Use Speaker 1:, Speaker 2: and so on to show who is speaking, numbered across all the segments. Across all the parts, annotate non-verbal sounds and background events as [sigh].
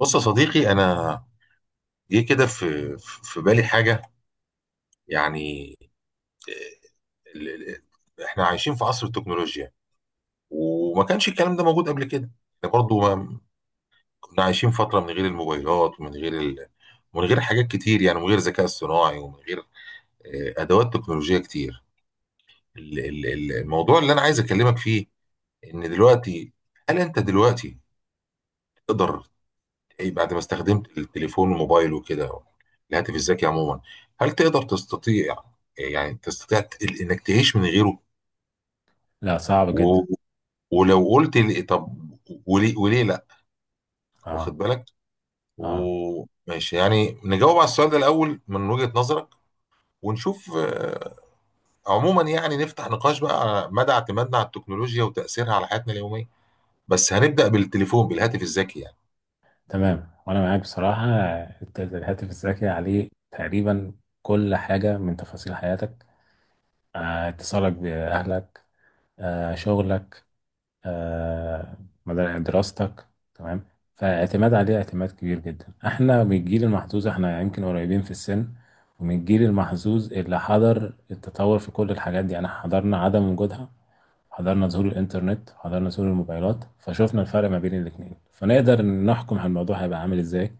Speaker 1: بص يا صديقي، انا جه كده في بالي حاجه. يعني آه، ال- ال- احنا عايشين في عصر التكنولوجيا، وما كانش الكلام ده موجود قبل كده. احنا برضو ما كنا عايشين فتره من غير الموبايلات ومن غير من غير حاجات كتير، يعني من غير ذكاء اصطناعي ومن غير ادوات تكنولوجيه كتير. الموضوع اللي انا عايز اكلمك فيه ان دلوقتي، هل انت دلوقتي تقدر إيه بعد ما استخدمت التليفون والموبايل وكده، الهاتف الذكي عموما، هل تقدر تستطيع، يعني تستطيع انك تعيش من غيره؟
Speaker 2: لا، صعب
Speaker 1: و...
Speaker 2: جدا.
Speaker 1: ولو قلت لي طب وليه لا،
Speaker 2: اه.
Speaker 1: واخد بالك؟
Speaker 2: اه.
Speaker 1: وماشي، يعني نجاوب على السؤال ده الاول من وجهة نظرك ونشوف عموما، يعني نفتح نقاش بقى على مدى اعتمادنا على التكنولوجيا وتأثيرها على حياتنا اليومية، بس هنبدأ بالتليفون، بالهاتف الذكي يعني.
Speaker 2: تمام، وانا معاك بصراحة. الهاتف الذكي عليه تقريبا كل حاجة من تفاصيل حياتك، اتصالك بأهلك، شغلك، آه دراستك، تمام. فاعتماد عليه اعتماد كبير جدا. احنا من الجيل المحظوظ، احنا يمكن قريبين في السن، ومن الجيل المحظوظ اللي حضر التطور في كل الحاجات دي. يعني حضرنا عدم وجودها، حضرنا ظهور الإنترنت، حضرنا ظهور الموبايلات، فشوفنا الفرق ما بين الاتنين، فنقدر نحكم على الموضوع هيبقى عامل إزاي.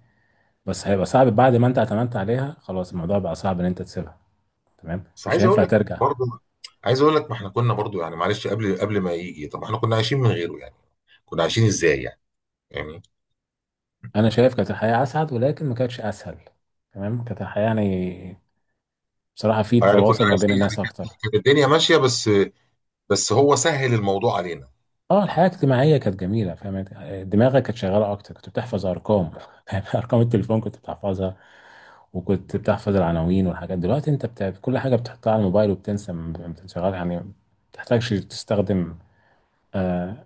Speaker 2: بس هيبقى صعب بعد ما أنت اعتمدت عليها خلاص. الموضوع بقى صعب إن أنت تسيبها، تمام،
Speaker 1: بس
Speaker 2: مش
Speaker 1: عايز اقول
Speaker 2: هينفع
Speaker 1: لك
Speaker 2: ترجع.
Speaker 1: برضه، عايز اقول لك ما احنا كنا برضه، يعني معلش، قبل ما يجي طب احنا كنا عايشين من غيره، يعني كنا عايشين ازاي يعني؟ يعني
Speaker 2: أنا شايف كانت الحياة أسعد ولكن ما كانتش أسهل. تمام، كانت الحياة يعني بصراحة في
Speaker 1: يعني كنا
Speaker 2: تواصل ما
Speaker 1: عايشين
Speaker 2: بين
Speaker 1: يعني،
Speaker 2: الناس أكتر.
Speaker 1: كانت الدنيا ماشيه، بس بس هو سهل الموضوع علينا.
Speaker 2: اه،
Speaker 1: اه.
Speaker 2: الحياة الاجتماعية كانت جميلة، فاهم. دماغك كانت شغالة أكتر، كنت بتحفظ أرقام، فاهم. [laughs] أرقام التليفون كنت بتحفظها، وكنت
Speaker 1: مم.
Speaker 2: بتحفظ العناوين والحاجات. دلوقتي أنت بتاع كل حاجة بتحطها على الموبايل وبتنسى، ما بتشغل يعني ما بتحتاجش تستخدم آه،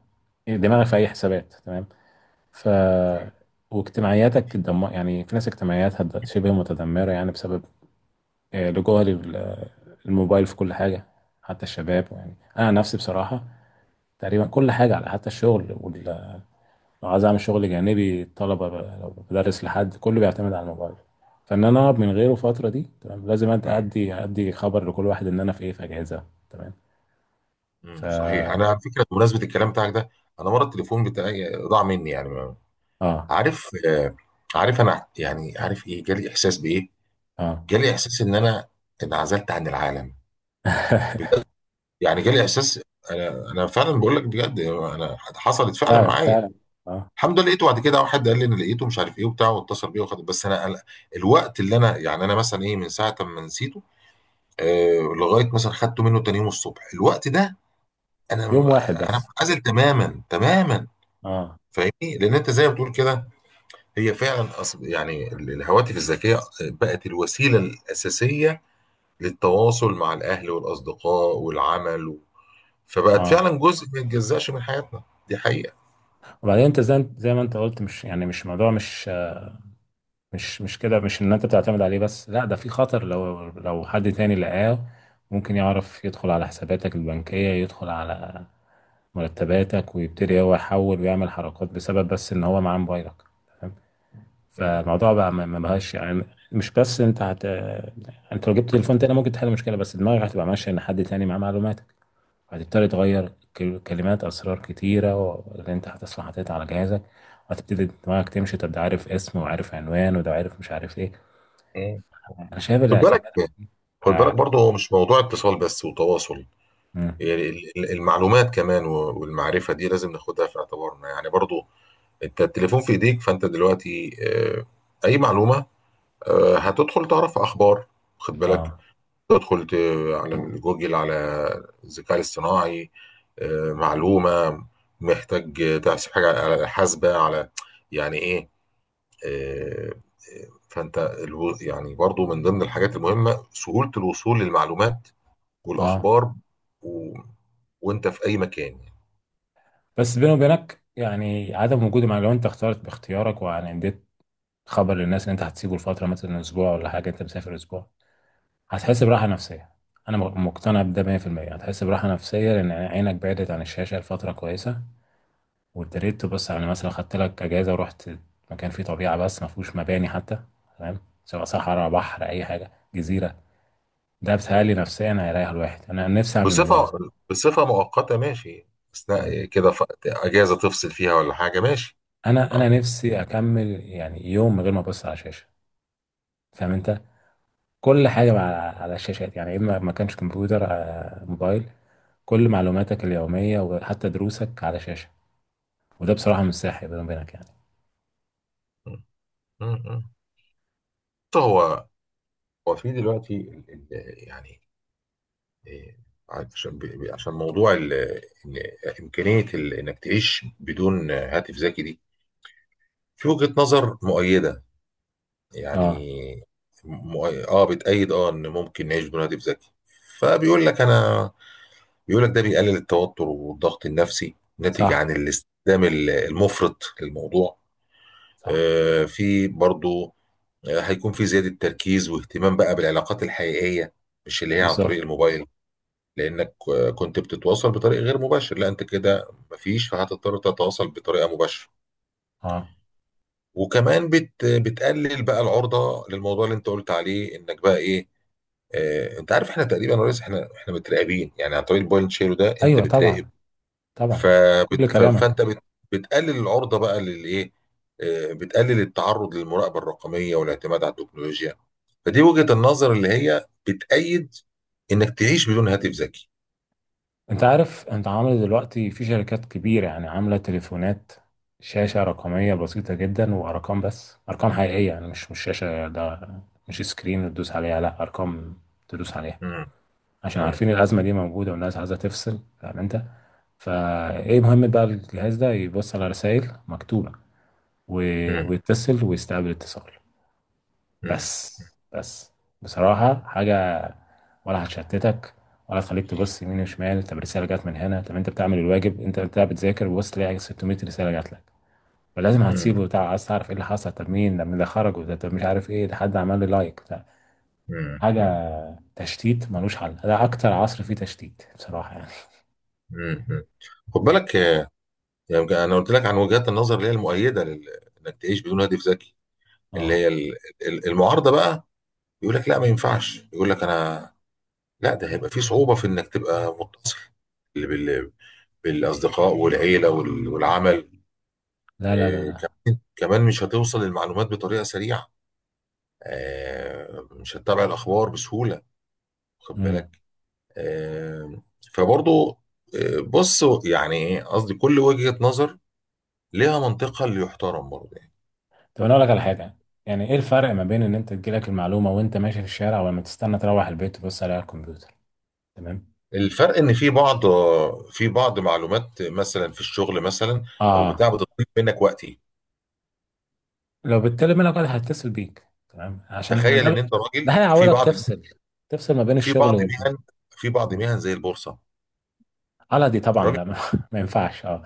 Speaker 2: دماغك في أي حسابات، تمام. ف
Speaker 1: أيوة.
Speaker 2: واجتماعياتك يعني في ناس اجتماعياتها شبه متدمرة، يعني بسبب لجوها للموبايل في كل حاجة. حتى الشباب، يعني أنا عن نفسي بصراحة تقريبا كل حاجة على، حتى الشغل. لو عايز اعمل شغل جانبي الطلبه بقى، لو بدرس لحد، كله بيعتمد على الموبايل. فان انا اقعد من غيره الفتره دي، تمام، لازم أد-
Speaker 1: مم.
Speaker 2: ادي ادي خبر لكل واحد ان انا في ايه، في اجهزه، تمام.
Speaker 1: مم. صحيح، انا
Speaker 2: اه.
Speaker 1: على فكره بمناسبه الكلام بتاعك ده، انا مره التليفون بتاعي ضاع مني، يعني عارف، عارف انا يعني عارف ايه جالي احساس بايه؟
Speaker 2: اه.
Speaker 1: جالي احساس ان انا انعزلت عن العالم،
Speaker 2: [laughs]
Speaker 1: بجد. يعني جالي احساس انا فعلا بقول لك بجد، انا حصلت فعلا
Speaker 2: فعلا
Speaker 1: معايا.
Speaker 2: فعلا. اه.
Speaker 1: الحمد لله لقيته بعد كده، واحد قال لي انا لقيته مش عارف ايه وبتاع، واتصل بيه وخد. بس انا الوقت اللي انا، يعني انا مثلا ايه من ساعه ما نسيته لغايه مثلا خدته منه تاني يوم الصبح، الوقت ده انا
Speaker 2: يوم واحد
Speaker 1: انا
Speaker 2: بس.
Speaker 1: منعزل تماما تماما،
Speaker 2: اه.
Speaker 1: فاهمني؟ لان انت زي ما بتقول كده، هي فعلا يعني الهواتف الذكيه بقت الوسيله الاساسيه للتواصل مع الاهل والاصدقاء والعمل فبقت
Speaker 2: اه.
Speaker 1: فعلا جزء ما يتجزاش من حياتنا، دي حقيقه.
Speaker 2: وبعدين انت زي ما انت قلت، مش ان انت بتعتمد عليه بس. لا، ده في خطر لو حد تاني لقاه، ممكن يعرف يدخل على حساباتك البنكية، يدخل على مرتباتك ويبتدي هو يحول ويعمل حركات، بسبب بس ان هو معاه موبايلك، تمام.
Speaker 1: م-
Speaker 2: فالموضوع بقى ما بقاش يعني. مش بس انت هت انت لو جبت تليفون تاني ممكن تحل المشكله، بس دماغك هتبقى ماشيه ان حد تاني معاه معلوماتك. هتبتدي تغير كلمات اسرار كتيره اللي انت هتصحى حاططها على جهازك. وهتبتدي دماغك تمشي، طب ده عارف اسم وعارف عنوان وده عارف مش عارف ايه.
Speaker 1: م.
Speaker 2: انا شايف
Speaker 1: خد بالك،
Speaker 2: الاعتماد.
Speaker 1: خد بالك
Speaker 2: اه.
Speaker 1: برضه، هو مش موضوع اتصال بس وتواصل، يعني المعلومات كمان والمعرفة دي لازم ناخدها في اعتبارنا، يعني برضه انت التليفون في ايديك، فانت دلوقتي اي معلومة هتدخل تعرف اخبار، خد بالك،
Speaker 2: اه.
Speaker 1: تدخل على جوجل، على الذكاء الاصطناعي معلومة، محتاج تحسب حاجة على حاسبة، على يعني ايه آه، فانت يعني برضه، من ضمن الحاجات المهمة سهولة الوصول للمعلومات
Speaker 2: آه.
Speaker 1: والاخبار و... وانت في اي مكان يعني.
Speaker 2: بس بيني وبينك يعني عدم وجود، مع لو انت اخترت باختيارك وعندت تخبر للناس ان انت هتسيبه لفتره مثلا اسبوع ولا حاجه، انت مسافر اسبوع، هتحس براحه نفسيه. انا مقتنع بده 100%، هتحس براحه نفسيه لان عينك بعدت عن الشاشه لفتره كويسه، وابتديت تبص على، مثلا خدت لك اجازه ورحت مكان فيه طبيعه بس ما فيهوش مباني حتى. تمام، سواء صحراء، بحر، اي حاجه، جزيره. ده بتهيألي نفسيا هيريح الواحد، انا نفسي اعمل
Speaker 1: بصفه
Speaker 2: الموضوع ده.
Speaker 1: بصفه مؤقته، ماشي، اثناء
Speaker 2: مم.
Speaker 1: كده اجازه تفصل فيها ولا حاجه، ماشي.
Speaker 2: انا
Speaker 1: اه.
Speaker 2: نفسي اكمل يعني يوم من غير ما ابص على شاشه، فاهم انت. كل حاجه على الشاشات، يعني اما ما كانش كمبيوتر موبايل، كل معلوماتك اليومية وحتى دروسك على شاشة. وده بصراحة
Speaker 1: م-
Speaker 2: مش صحي بيني وبينك يعني.
Speaker 1: م- م- م. بص، هو هو في دلوقتي يعني إيه، عشان عشان موضوع إن امكانيه انك تعيش بدون هاتف ذكي دي، في وجهه نظر مؤيده، يعني
Speaker 2: اه.
Speaker 1: اه، بتأيد، اه، ان ممكن نعيش بدون هاتف ذكي. فبيقول لك انا، بيقول لك ده بيقلل التوتر والضغط النفسي، ناتج
Speaker 2: صح،
Speaker 1: عن الاستخدام المفرط للموضوع.
Speaker 2: صح.
Speaker 1: في برضو هيكون في زيادة تركيز واهتمام بقى بالعلاقات الحقيقية، مش اللي هي عن
Speaker 2: بالظبط.
Speaker 1: طريق الموبايل، لأنك كنت بتتواصل بطريق غير مباشر، لا أنت كده مفيش، فهتضطر تتواصل بطريقة مباشرة.
Speaker 2: اه.
Speaker 1: وكمان بتقلل بقى العرضة للموضوع اللي أنت قلت عليه إنك بقى إيه، أنت عارف إحنا تقريبا يا ريس، إحنا متراقبين يعني عن طريق البوينت شيرو ده، أنت
Speaker 2: ايوه
Speaker 1: بتراقب.
Speaker 2: طبعا، طبعا،
Speaker 1: فبت...
Speaker 2: كل
Speaker 1: ف-
Speaker 2: كلامك.
Speaker 1: فانت بت... بتقلل العرضه بقى للايه، بتقلل التعرض للمراقبه الرقميه والاعتماد على التكنولوجيا. فدي وجهه النظر اللي هي بتأيد انك تعيش بدون هاتف ذكي.
Speaker 2: انت عارف انت عامل دلوقتي في شركات كبيرة يعني عاملة تليفونات، شاشة رقمية بسيطة جدا وارقام، بس ارقام حقيقية يعني مش شاشة، ده مش سكرين تدوس عليها، لا ارقام تدوس عليها.
Speaker 1: مم،
Speaker 2: عشان
Speaker 1: مم،
Speaker 2: عارفين الازمة دي موجودة والناس عايزة تفصل، فاهم انت. فايه مهم بقى الجهاز ده، يبص على رسائل مكتوبة
Speaker 1: مم،
Speaker 2: ويتصل ويستقبل اتصال
Speaker 1: مم،
Speaker 2: بس. بس بصراحة حاجة ولا هتشتتك ولا هتخليك تبص يمين وشمال. طب رسالة جت من هنا، طب انت بتعمل الواجب، انت بتذاكر وبص تلاقي 600 رسالة جات لك، فلازم
Speaker 1: مم،
Speaker 2: هتسيبه، عايز تعرف ايه اللي حصل، طب مين ده، مين ده خرج، وده طب مش عارف ايه، ده حد عمل لي لايك ده،
Speaker 1: مم،
Speaker 2: حاجة تشتيت ملوش حل. ده أكتر عصر فيه تشتيت بصراحة يعني.
Speaker 1: مم، مم. خد بالك، يعني انا قلت لك عن وجهات النظر اللي هي المؤيده انك تعيش بدون هاتف ذكي. اللي
Speaker 2: اه.
Speaker 1: هي المعارضه بقى، يقول لك لا ما ينفعش، يقول لك انا لا ده هيبقى فيه صعوبة في انك تبقى متصل بال- بال- بالاصدقاء والعيلة والعمل.
Speaker 2: لا، لا، لا،
Speaker 1: كمان كمان مش هتوصل للمعلومات بطريقة سريعة، مش هتتابع الاخبار بسهولة، واخد
Speaker 2: لا.
Speaker 1: بالك؟ آه، فبرضو بص يعني ايه قصدي، كل وجهة نظر لها منطقها اللي يحترم برضه يعني.
Speaker 2: طب انا اقول لك على حاجه. يعني ايه الفرق ما بين ان انت تجيلك المعلومه وانت ماشي في الشارع، ولما تستنى تروح البيت تبص عليها على الكمبيوتر، تمام.
Speaker 1: الفرق ان في بعض، في بعض معلومات مثلا في الشغل مثلا، او
Speaker 2: اه،
Speaker 1: بتاع بتطلب منك وقتي.
Speaker 2: لو بالتالي منك واحد هيتصل بيك، تمام، عشان ما
Speaker 1: تخيل
Speaker 2: ده
Speaker 1: ان انت
Speaker 2: [laughs] ده
Speaker 1: راجل في
Speaker 2: هيعودك
Speaker 1: بعض،
Speaker 2: تفصل، تفصل ما بين
Speaker 1: في
Speaker 2: الشغل
Speaker 1: بعض مهن، في بعض
Speaker 2: آه.
Speaker 1: مهن زي البورصه،
Speaker 2: على دي طبعا لا،
Speaker 1: الراجل
Speaker 2: ما, [laughs] ما ينفعش اه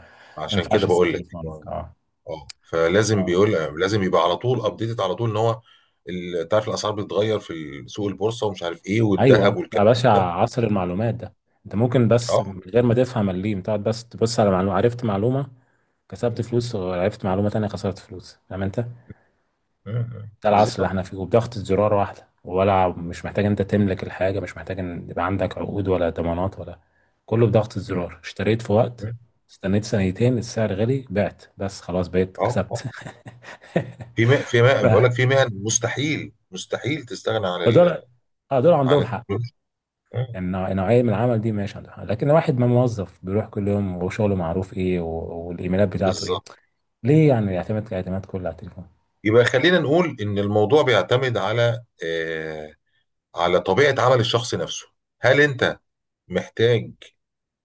Speaker 2: ما
Speaker 1: عشان
Speaker 2: ينفعش
Speaker 1: كده
Speaker 2: تسيب
Speaker 1: بقول لك
Speaker 2: تليفونك. اه.
Speaker 1: اه، فلازم
Speaker 2: اه.
Speaker 1: بيقول، لازم يبقى على طول ابديتد على طول ان هو تعرف الاسعار بتتغير في سوق البورصه ومش عارف ايه
Speaker 2: ايوه،
Speaker 1: والذهب
Speaker 2: ده يا
Speaker 1: والكلام
Speaker 2: باشا
Speaker 1: ده.
Speaker 2: عصر المعلومات ده. انت ممكن بس
Speaker 1: اه.
Speaker 2: من غير ما تفهم الليم تقعد بس تبص على معلومه، عرفت معلومه كسبت
Speaker 1: مم.
Speaker 2: فلوس، وعرفت معلومه تانيه خسرت فلوس، فاهم انت.
Speaker 1: مم.
Speaker 2: ده العصر اللي احنا
Speaker 1: بالظبط.
Speaker 2: فيه، وبضغطة زرار واحدة. ولا مش محتاج انت تملك الحاجة، مش محتاج ان يبقى عندك عقود ولا ضمانات، ولا كله بضغطة
Speaker 1: مم.
Speaker 2: زرار، اشتريت في وقت،
Speaker 1: مم.
Speaker 2: استنيت سنتين السعر غلي بعت بس خلاص بقيت
Speaker 1: اه،
Speaker 2: كسبت.
Speaker 1: اه،
Speaker 2: [laughs] ف...
Speaker 1: بقول لك في مهن، مستحيل مستحيل تستغنى
Speaker 2: فدول، اه دول
Speaker 1: عن
Speaker 2: عندهم حق.
Speaker 1: التكنولوجيا. مم.
Speaker 2: يعني نوعية من العمل دي، ماشي، عندهم حق. لكن واحد ما موظف بيروح كل يوم وشغله معروف ايه والايميلات بتاعته ايه،
Speaker 1: بالظبط.
Speaker 2: ليه يعني يعتمد اعتماد كله على التليفون؟
Speaker 1: يبقى خلينا نقول ان الموضوع بيعتمد على على طبيعه عمل الشخص نفسه. هل انت محتاج،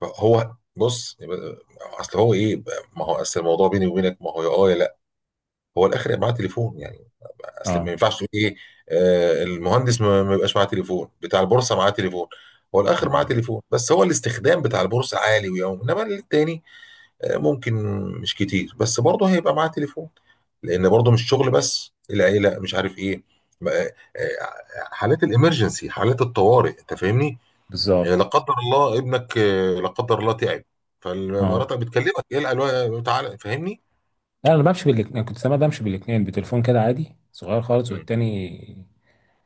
Speaker 1: هو بص اصل هو ايه ما هو اصل الموضوع، بيني وبينك، ما هو يا اه يا لا، هو الاخر يبقى معاه تليفون يعني. اصل ما
Speaker 2: اه.
Speaker 1: ينفعش تقول ايه، المهندس ما يبقاش معاه تليفون، بتاع البورصه معاه تليفون، هو الاخر معاه
Speaker 2: مم.
Speaker 1: تليفون، بس هو الاستخدام بتاع البورصه عالي، ويوم انما التاني ممكن مش كتير، بس برضه هيبقى معاه تليفون، لان برضه مش شغل بس، العيله مش عارف ايه ما- آه، آه، حالات الامرجنسي، حالات الطوارئ، انت فاهمني؟ يعني لا
Speaker 2: بالظبط.
Speaker 1: قدر الله ابنك لا قدر الله تعب،
Speaker 2: اه.
Speaker 1: فمراتك بتكلمك، ايه الالوان تعالى، فاهمني؟
Speaker 2: لا، انا بمشي بالاتنين. أنا كنت زمان بمشي بالاتنين، بتليفون كده عادي صغير خالص،
Speaker 1: مم.
Speaker 2: والتاني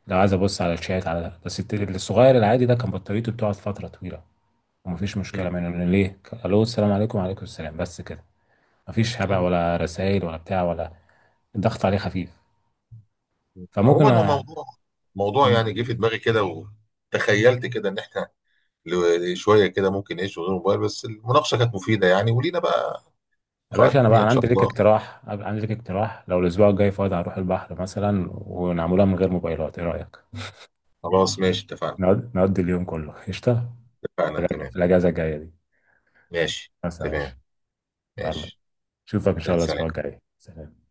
Speaker 2: لو عايز ابص على الشات على ده بس. الصغير العادي ده كان بطاريته بتقعد فتره طويله، ومفيش
Speaker 1: مم.
Speaker 2: مشكله منه لأن ليه الو، السلام عليكم وعليكم السلام بس كده. مفيش هبع
Speaker 1: ايوه.
Speaker 2: ولا رسائل ولا بتاع ولا، الضغط عليه خفيف.
Speaker 1: مم.
Speaker 2: فممكن
Speaker 1: عموما هو موضوع
Speaker 2: م.
Speaker 1: يعني جه في دماغي كده وتخيلت كده ان احنا شويه كده ممكن نعيش من غير موبايل، بس المناقشه كانت مفيده يعني، ولينا بقى
Speaker 2: يا باشا
Speaker 1: لقاءات
Speaker 2: انا، بقى
Speaker 1: تانيه ان
Speaker 2: أنا
Speaker 1: شاء
Speaker 2: عندي ليك
Speaker 1: الله.
Speaker 2: اقتراح. أبقى عندي ليك اقتراح لو الاسبوع الجاي فاضي، هنروح البحر مثلا، ونعملها من غير موبايلات، ايه رايك؟
Speaker 1: خلاص ماشي اتفقنا.
Speaker 2: نقضي اليوم كله قشطه،
Speaker 1: اتفقنا
Speaker 2: في
Speaker 1: تمام.
Speaker 2: الاجازه الجايه دي
Speaker 1: ماشي.
Speaker 2: مثلا، ماشي.
Speaker 1: تمام.
Speaker 2: يلا،
Speaker 1: ماشي.
Speaker 2: اشوفك ان شاء
Speaker 1: سلام
Speaker 2: الله الاسبوع
Speaker 1: سلام.
Speaker 2: الجاي، سلام.